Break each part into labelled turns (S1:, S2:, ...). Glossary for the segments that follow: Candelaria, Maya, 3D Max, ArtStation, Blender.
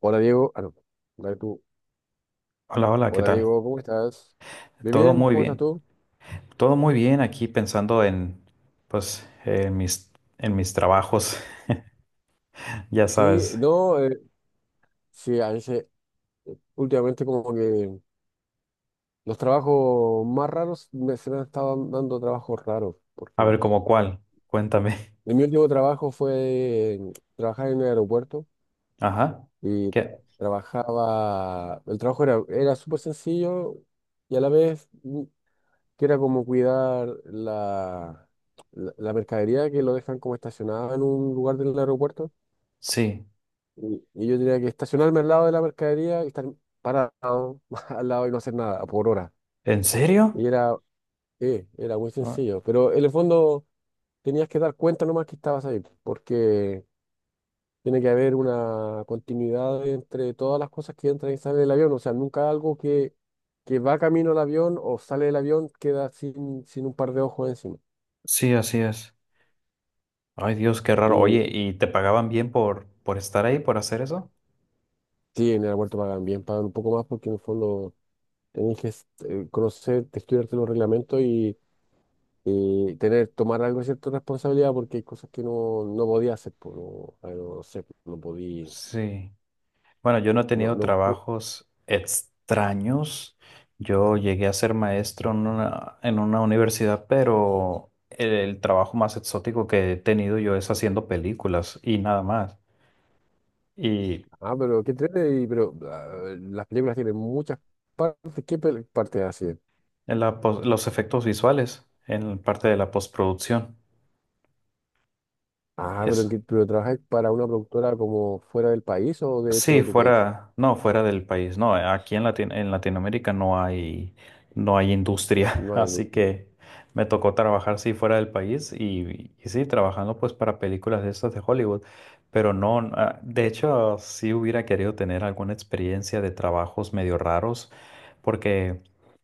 S1: Hola Diego, ah no, dale tú.
S2: Hola, hola, ¿qué
S1: Hola
S2: tal?
S1: Diego, ¿cómo estás? Bien,
S2: Todo
S1: bien,
S2: muy
S1: ¿cómo estás
S2: bien.
S1: tú?
S2: Todo muy bien aquí pensando en, pues, en mis trabajos, ya
S1: Sí,
S2: sabes.
S1: no, sí, a veces últimamente como que los trabajos más raros se me han estado dando trabajos raros,
S2: A ver,
S1: porque
S2: ¿cómo cuál? Cuéntame.
S1: en mi último trabajo fue trabajar en el aeropuerto
S2: Ajá.
S1: y
S2: ¿Qué?
S1: trabajaba. El trabajo era súper sencillo y a la vez que era como cuidar la mercadería que lo dejan como estacionada en un lugar del aeropuerto.
S2: Sí.
S1: Y yo diría que estacionarme al lado de la mercadería y estar parado al lado y no hacer nada por hora.
S2: ¿En
S1: Y
S2: serio?
S1: era muy
S2: Ah,
S1: sencillo. Pero en el fondo tenías que dar cuenta nomás que estabas ahí, porque tiene que haber una continuidad entre todas las cosas que entran y salen del avión. O sea, nunca algo que va camino al avión o sale del avión queda sin un par de ojos encima.
S2: sí, así es. Ay, Dios, qué raro.
S1: Y
S2: Oye, ¿y te pagaban bien por estar ahí, por hacer eso?
S1: sí, en el aeropuerto pagan bien, pagan un poco más porque en el fondo tenés que conocer, estudiarte los reglamentos y tener, tomar algo de cierta responsabilidad porque hay cosas que no podía hacer, pues, no, no sé, pues, no podía,
S2: Sí. Bueno, yo no he
S1: no,
S2: tenido
S1: no, pu-
S2: trabajos extraños. Yo llegué a ser maestro en una universidad, pero el trabajo más exótico que he tenido yo es haciendo películas y nada más. Y
S1: ah, pero qué entrete, y- pero ah, Las películas tienen muchas partes. Partes hacen?
S2: en la los efectos visuales en parte de la postproducción.
S1: Ah, pero,
S2: Es,
S1: pero trabajas para una productora como fuera del país o dentro
S2: Sí,
S1: de tu país?
S2: fuera, no, fuera del país. No, aquí en en Latinoamérica no hay, no hay industria,
S1: No hay
S2: así
S1: nunca.
S2: que me tocó trabajar sí fuera del país y sí, trabajando pues para películas de estas de Hollywood, pero no, ah, de hecho sí hubiera querido tener alguna experiencia de trabajos medio raros, porque,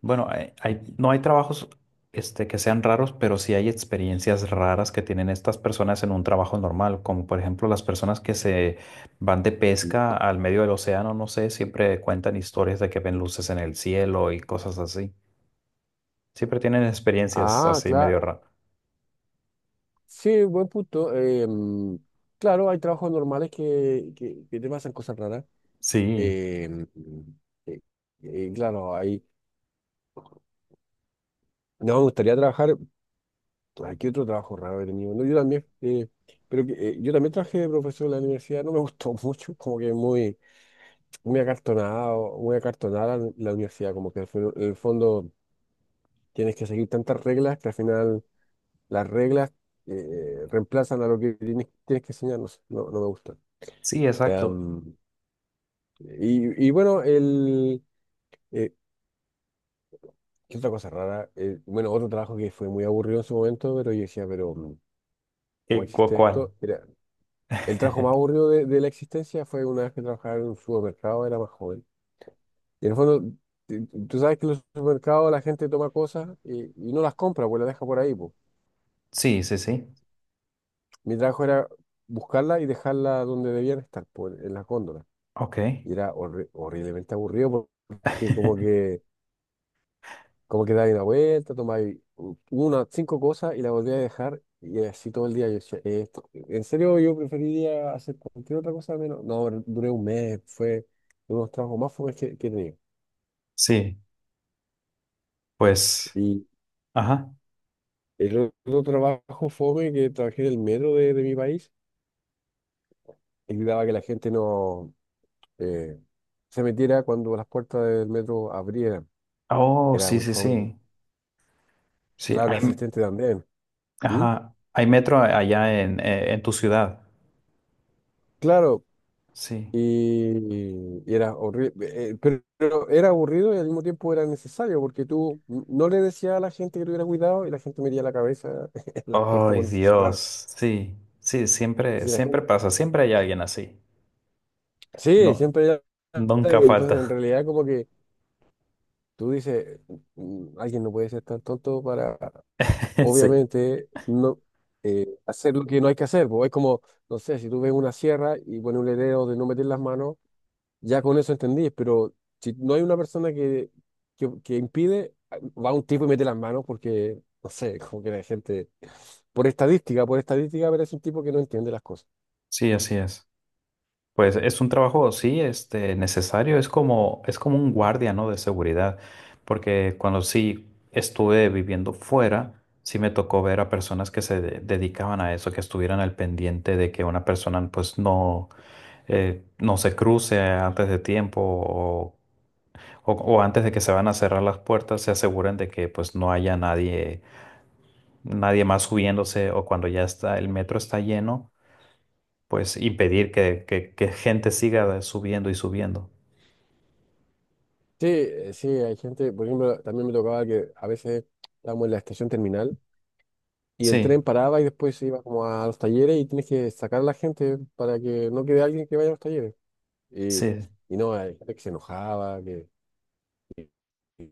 S2: bueno, no hay trabajos este, que sean raros, pero sí hay experiencias raras que tienen estas personas en un trabajo normal, como por ejemplo las personas que se van de pesca al medio del océano, no sé, siempre cuentan historias de que ven luces en el cielo y cosas así. Siempre tienen experiencias
S1: Ah,
S2: así
S1: claro,
S2: medio raras.
S1: sí, buen punto. Claro, hay trabajos normales que te pasan cosas raras.
S2: Sí,
S1: eh, mm, eh, claro, hay. No, me gustaría trabajar. Ay, ¿qué otro trabajo raro he tenido? No, yo también. Yo también trabajé de profesor en la universidad. No me gustó mucho. Como que muy, muy acartonado, muy acartonada la universidad. Como que en el fondo tienes que seguir tantas reglas que al final las reglas reemplazan a lo que tienes que enseñar. No sé, no me gusta.
S2: sí, exacto.
S1: Em, y bueno, eh, ¿qué otra cosa rara? Bueno, otro trabajo que fue muy aburrido en su momento, pero yo decía. ¿Cómo
S2: ¿Qué,
S1: existe
S2: cuál?
S1: esto? El trabajo más aburrido de la existencia fue una vez que trabajaba en un supermercado, era más joven. Y en el fondo, tú sabes que en los supermercados la gente toma cosas y no las compra, pues las deja por ahí, pues.
S2: Sí, sí, sí.
S1: Mi trabajo era buscarlas y dejarlas donde debían estar, pues, en las góndolas.
S2: Ok.
S1: Y era horriblemente aburrido porque como que Como que dais una vuelta, tomáis unas cinco cosas y la volví a dejar y así todo el día. Yo decía, esto, en serio yo preferiría hacer cualquier otra cosa menos. No, duré un mes, fue uno de los trabajos más fomes que he tenido.
S2: Sí, pues,
S1: Y
S2: ajá.
S1: el otro trabajo fome que trabajé en el metro de mi país, evitaba que la gente no eh, se metiera cuando las puertas del metro abrieran.
S2: Oh,
S1: Era
S2: sí,
S1: muy
S2: sí,
S1: fome.
S2: sí. Sí,
S1: Claro,
S2: hay,
S1: asistente también. ¿Mm?
S2: ajá, hay metro allá en tu ciudad.
S1: Claro.
S2: Sí.
S1: Y era horrible, pero era aburrido y al mismo tiempo era necesario porque tú no le decías a la gente que tuviera cuidado y la gente metía la cabeza en las puertas
S2: Ay,
S1: cuando se
S2: Dios.
S1: cerraban.
S2: Sí, sí,
S1: Es
S2: siempre,
S1: decir,
S2: siempre pasa, siempre hay alguien así. No,
S1: sí,
S2: nunca
S1: y entonces, en
S2: falta.
S1: realidad, como que tú dices: "Mm, Alguien no puede ser tan tonto para,
S2: Sí.
S1: obviamente, no hacer lo que no hay que hacer". Pues es como, no sé, si tú ves una sierra y pones un letrero de no meter las manos, ya con eso entendí, pero si no hay una persona que impide, va un tipo y mete las manos porque, no sé, como que la gente, por estadística, pero es un tipo que no entiende las cosas.
S2: Sí, así es. Pues es un trabajo, sí, este, necesario, es como un guardia, ¿no? De seguridad, porque cuando sí estuve viviendo fuera, sí me tocó ver a personas que dedicaban a eso, que estuvieran al pendiente de que una persona pues no, no se cruce antes de tiempo o, o antes de que se van a cerrar las puertas, se aseguren de que pues no haya nadie, nadie más subiéndose o cuando ya está, el metro está lleno pues impedir que, que gente siga subiendo y subiendo.
S1: Sí, sí, hay gente, por ejemplo, también me tocaba que a veces estábamos en la estación terminal y el
S2: Sí,
S1: tren paraba y después se iba como a los talleres y tienes que sacar a la gente para que no quede alguien que vaya a los talleres. Y,
S2: sí,
S1: y no, hay gente que se enojaba, que, que,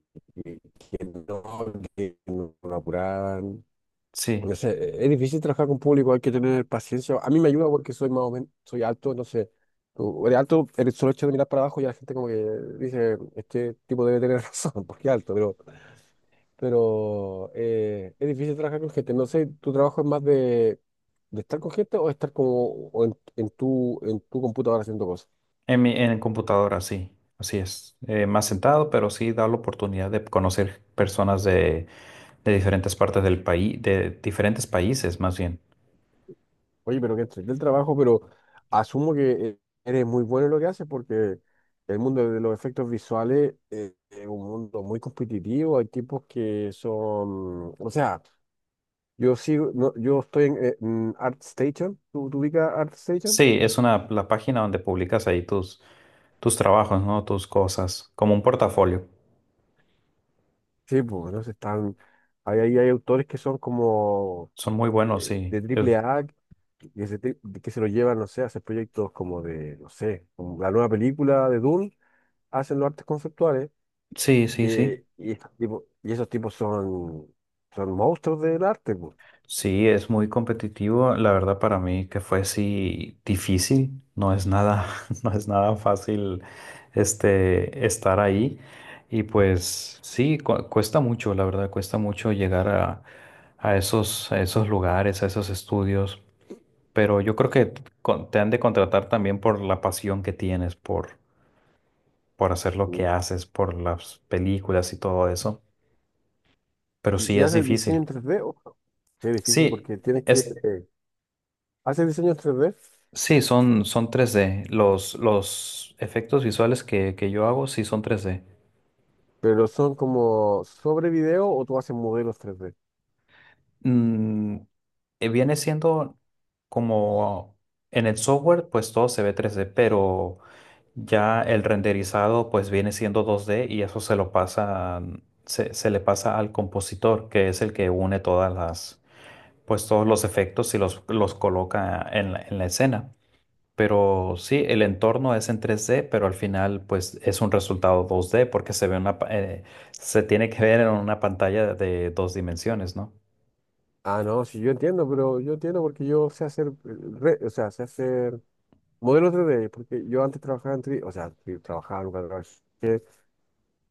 S1: que no, que no lo apuraban.
S2: sí.
S1: No sé, es difícil trabajar con público, hay que tener paciencia. A mí me ayuda porque soy más o menos, soy alto, no sé. Tú eres alto, el solo hecho de mirar para abajo ya la gente como que dice, este tipo debe tener razón, porque es alto, pero es difícil trabajar con gente. No sé, ¿tu trabajo es más de estar con gente o estar como o en tu computadora haciendo cosas?
S2: En computadora, sí. Así es. Más sentado, pero sí da la oportunidad de conocer personas de diferentes partes del país, de diferentes países más bien.
S1: Oye, pero que entregué el trabajo, pero asumo que eh, eres muy bueno en lo que haces porque el mundo de los efectos visuales es un mundo muy competitivo. Hay tipos que son, o sea, yo sigo, no, yo estoy en ArtStation. ¿Tú, tú ubicas ArtStation?
S2: Sí, es una, la página donde publicas ahí tus, tus trabajos, ¿no? Tus cosas, como un portafolio.
S1: Sí, pues, no sé, están, hay autores que son como
S2: Son muy buenos, sí.
S1: de triple A que se, te- que se lo llevan, no.
S2: Sí, sí, sí.
S1: Y, estos tipos, y esos tipos son monstruos del arte, pues.
S2: Sí, es muy competitivo. La verdad para mí que fue sí difícil. No es nada, no es nada fácil este estar ahí. Y pues sí, cuesta mucho, la verdad, cuesta mucho llegar a esos lugares, a esos estudios. Pero yo creo que te han de contratar también por la pasión que tienes, por hacer lo que haces, por las películas y todo eso. Pero sí
S1: Y
S2: es
S1: hace diseño en
S2: difícil.
S1: tres d ojo, sí, es difícil
S2: Sí.
S1: porque tienes que hacer diseño en 3D,
S2: Sí, son, son tres d. Los efectos visuales que yo hago sí son tres d.
S1: pero son como sobre video o tú haces modelos tres d.
S2: Mm, viene siendo como en el software, pues todo se ve tres d, pero ya el renderizado pues viene siendo dos d y eso se lo pasa, mm, se le pasa al compositor, que es el que une todas las, pues todos los efectos y los coloca en la escena. Pero sí, el entorno es en 3D, pero al final pues es un resultado 2D porque se ve una, se tiene que ver en una pantalla de dos dimensiones, ¿no?
S1: Ah, no, sí, yo entiendo, pero yo entiendo porque yo sé hacer, o sea, sé hacer modelos tres d porque yo antes trabajaba en 3D, o sea, sí, trabajaba, nunca trabajé,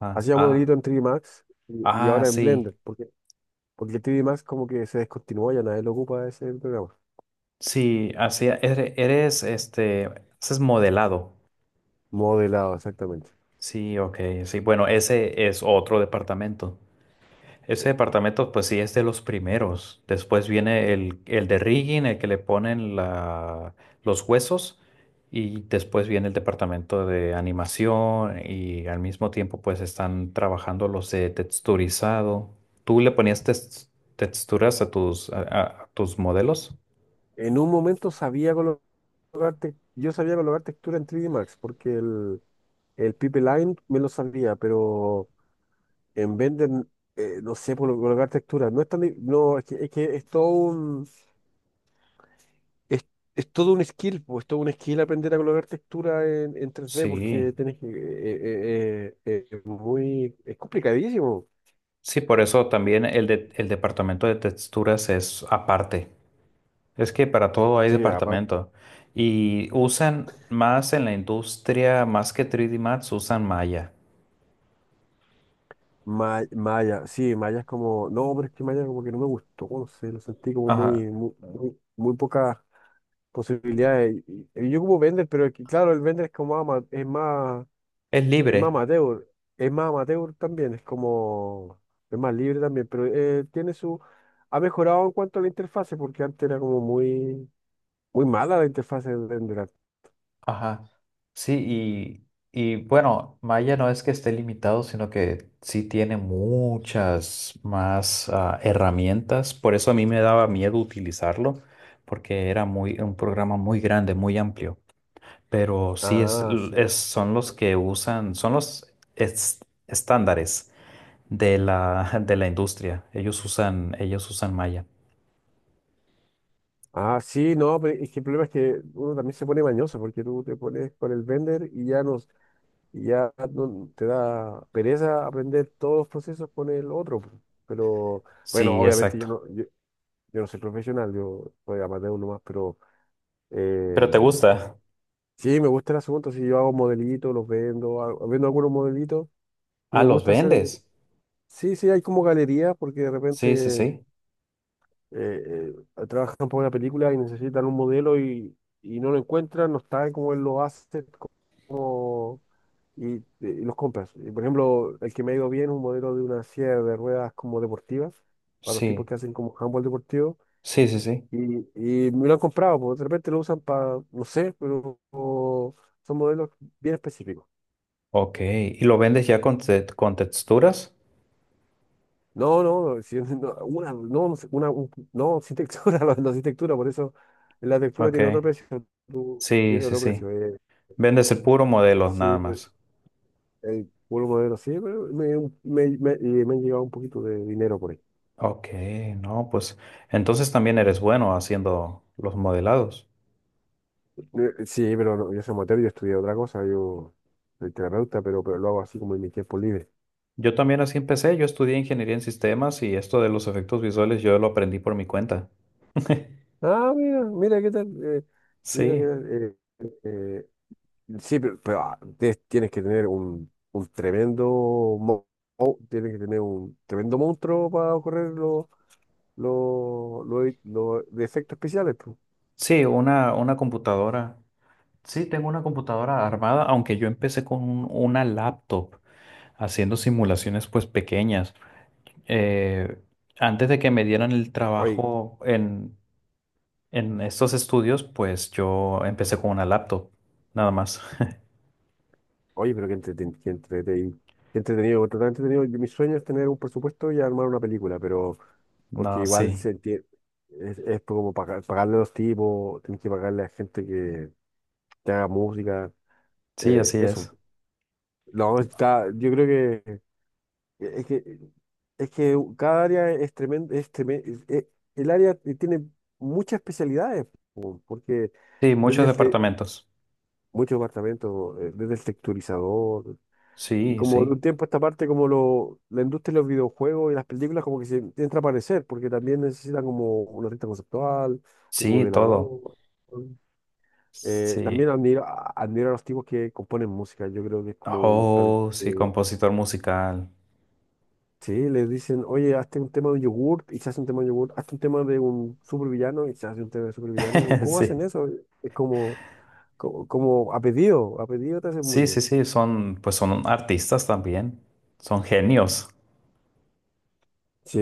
S2: Ah,
S1: hacía
S2: ah,
S1: modelito en 3D Max y
S2: ah,
S1: ahora en
S2: sí,
S1: Blender, porque, porque 3D Max como que se descontinuó, ya nadie lo ocupa ese programa.
S2: sí, así, eres, este, haces modelado.
S1: Modelado, exactamente.
S2: Sí, ok, sí, bueno, ese es otro departamento. Ese departamento, pues sí, es de los primeros. Después viene el de rigging, el que le ponen la, los huesos. Y después viene el departamento de animación y al mismo tiempo pues están trabajando los de texturizado. ¿Tú le ponías texturas a tus, a tus modelos?
S1: En un momento sabía colocar, yo sabía colocar textura en 3D Max porque el Pipeline me lo sabía, pero en Blender, no sé por colocar textura. No es tan, no, es que, es que es, es todo un skill, pues, es todo un skill aprender a colocar textura en 3D
S2: Sí.
S1: porque tenés que, es muy, es complicadísimo.
S2: Sí, por eso también el departamento de texturas es aparte. Es que para todo hay
S1: Sí,
S2: departamento. Y usan más en la industria, más que 3D Max, usan Maya.
S1: Maya, sí, Maya es como, no, pero es que Maya como que no me gustó, no sé, lo sentí como muy,
S2: Ajá.
S1: muy, muy, muy pocas posibilidades. Y yo como vender, pero es que, claro, el vender es como
S2: Es
S1: es más
S2: libre.
S1: amateur, es más amateur también, es como, es más libre también, pero tiene su, ha mejorado en cuanto a la interfase, porque antes era como muy, muy mala la interfase de vender.
S2: Ajá. Sí, y bueno, Maya no es que esté limitado, sino que sí tiene muchas más ah, herramientas. Por eso a mí me daba miedo utilizarlo, porque era muy, un programa muy grande, muy amplio. Pero sí es,
S1: Ah, sí.
S2: son los que usan, son los estándares de la, de la industria. Ellos usan malla.
S1: Ah, sí, no, pero es que el problema es que uno también se pone mañoso porque tú te pones con el vender y ya no, te da pereza aprender todos los procesos con el otro, po. Pero bueno,
S2: Sí,
S1: obviamente yo
S2: exacto.
S1: no, yo no soy profesional, yo soy amateur nomás, pero eh,
S2: ¿Pero te gusta?
S1: sí, me gusta el asunto. Si yo hago modelitos, los vendo, vendo algunos modelitos y
S2: Ah,
S1: me
S2: los
S1: gusta hacer.
S2: vendes.
S1: Sí, sí, hay como galerías porque de
S2: Sí, sí,
S1: repente
S2: sí.
S1: trabajan por una película y necesitan un modelo y no lo encuentran, no saben cómo él lo hace. Y, y los compras. Y, por ejemplo, el que me ha ido bien es un modelo de una silla de ruedas como deportivas, para los tipos
S2: Sí,
S1: que hacen como handball deportivo.
S2: sí, sí, sí.
S1: Y, y me lo han comprado, porque de repente lo usan para, no sé, pero son modelos bien específicos.
S2: Ok. ¿Y lo vendes ya con, con texturas?
S1: No, no, no, no, una, no, no sé, una, no, sin textura, no, no, sin textura, por eso la textura
S2: Ok.
S1: tiene otro precio,
S2: Sí,
S1: tiene
S2: sí,
S1: otro
S2: sí.
S1: precio.
S2: Vendes el puro modelo, nada
S1: Sí, pero,
S2: más.
S1: por un modelo, sí, pero y me han llegado un poquito de dinero por ahí.
S2: Ok, no, pues entonces también eres bueno haciendo los modelados.
S1: Sí, pero no, yo soy amateur, yo estudié otra cosa, yo soy terapeuta, pero lo hago así como en mi tiempo libre.
S2: Yo también así empecé, yo estudié ingeniería en sistemas y esto de los efectos visuales yo lo aprendí por mi cuenta.
S1: Ah, mira, mira qué tal, mira qué
S2: Sí.
S1: tal. Eh, sí, pero, ah, tienes que tener un tremendo, mo- tienes que tener un tremendo monstruo para correr los de efectos especiales, pues.
S2: Sí, una computadora. Sí, tengo una computadora armada, aunque yo empecé con una laptop haciendo simulaciones pues pequeñas. Eh, antes de que me dieran el
S1: Oye,
S2: trabajo en estos estudios, pues yo empecé con una laptop, nada más.
S1: Oye, pero qué entretenido, entretenido. Yo... Mi sueño es tener un presupuesto y armar una película, pero
S2: No,
S1: porque
S2: sí,
S1: es como pagarle a los tipos, tienes que pagarle a gente que haga música,
S2: sí, así
S1: eso.
S2: es.
S1: No, está, yo creo que es que es que cada área es tremendo, es el área tiene muchas especialidades, po, porque
S2: Sí,
S1: desde
S2: muchos
S1: el te-
S2: departamentos.
S1: muchos departamentos, desde el texturizador. Y
S2: Sí,
S1: como de
S2: sí,
S1: un tiempo a esta parte, como lo, la industria de los videojuegos y las películas como que se entra a aparecer, porque también necesita como un artista conceptual, un
S2: sí, todo.
S1: modelador.
S2: Sí.
S1: También admiro, admiro a los tipos que componen música. Yo creo que es como un talento
S2: Oh, sí,
S1: que...
S2: compositor musical.
S1: Sí, les dicen, oye, hazte un tema de un yogurt y se hace un tema de yogurt, hazte un tema de un supervillano y se hace un tema de supervillano. ¿Cómo hacen
S2: Sí.
S1: eso? Es como, como, como a pedido te hacen
S2: Sí,
S1: música.
S2: sí, sí, son, pues son artistas también, son genios.
S1: Sí,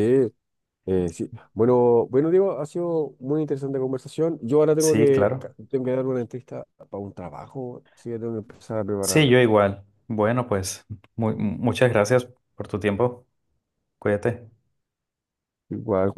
S1: Sí. Bueno, bueno, Diego, ha sido muy interesante conversación. Yo ahora tengo
S2: Sí,
S1: que,
S2: claro.
S1: tengo que dar una entrevista para un trabajo, así que tengo que empezar a
S2: Sí, yo
S1: prepararla.
S2: igual. Bueno, pues muchas gracias por tu tiempo. Cuídate.
S1: Igual,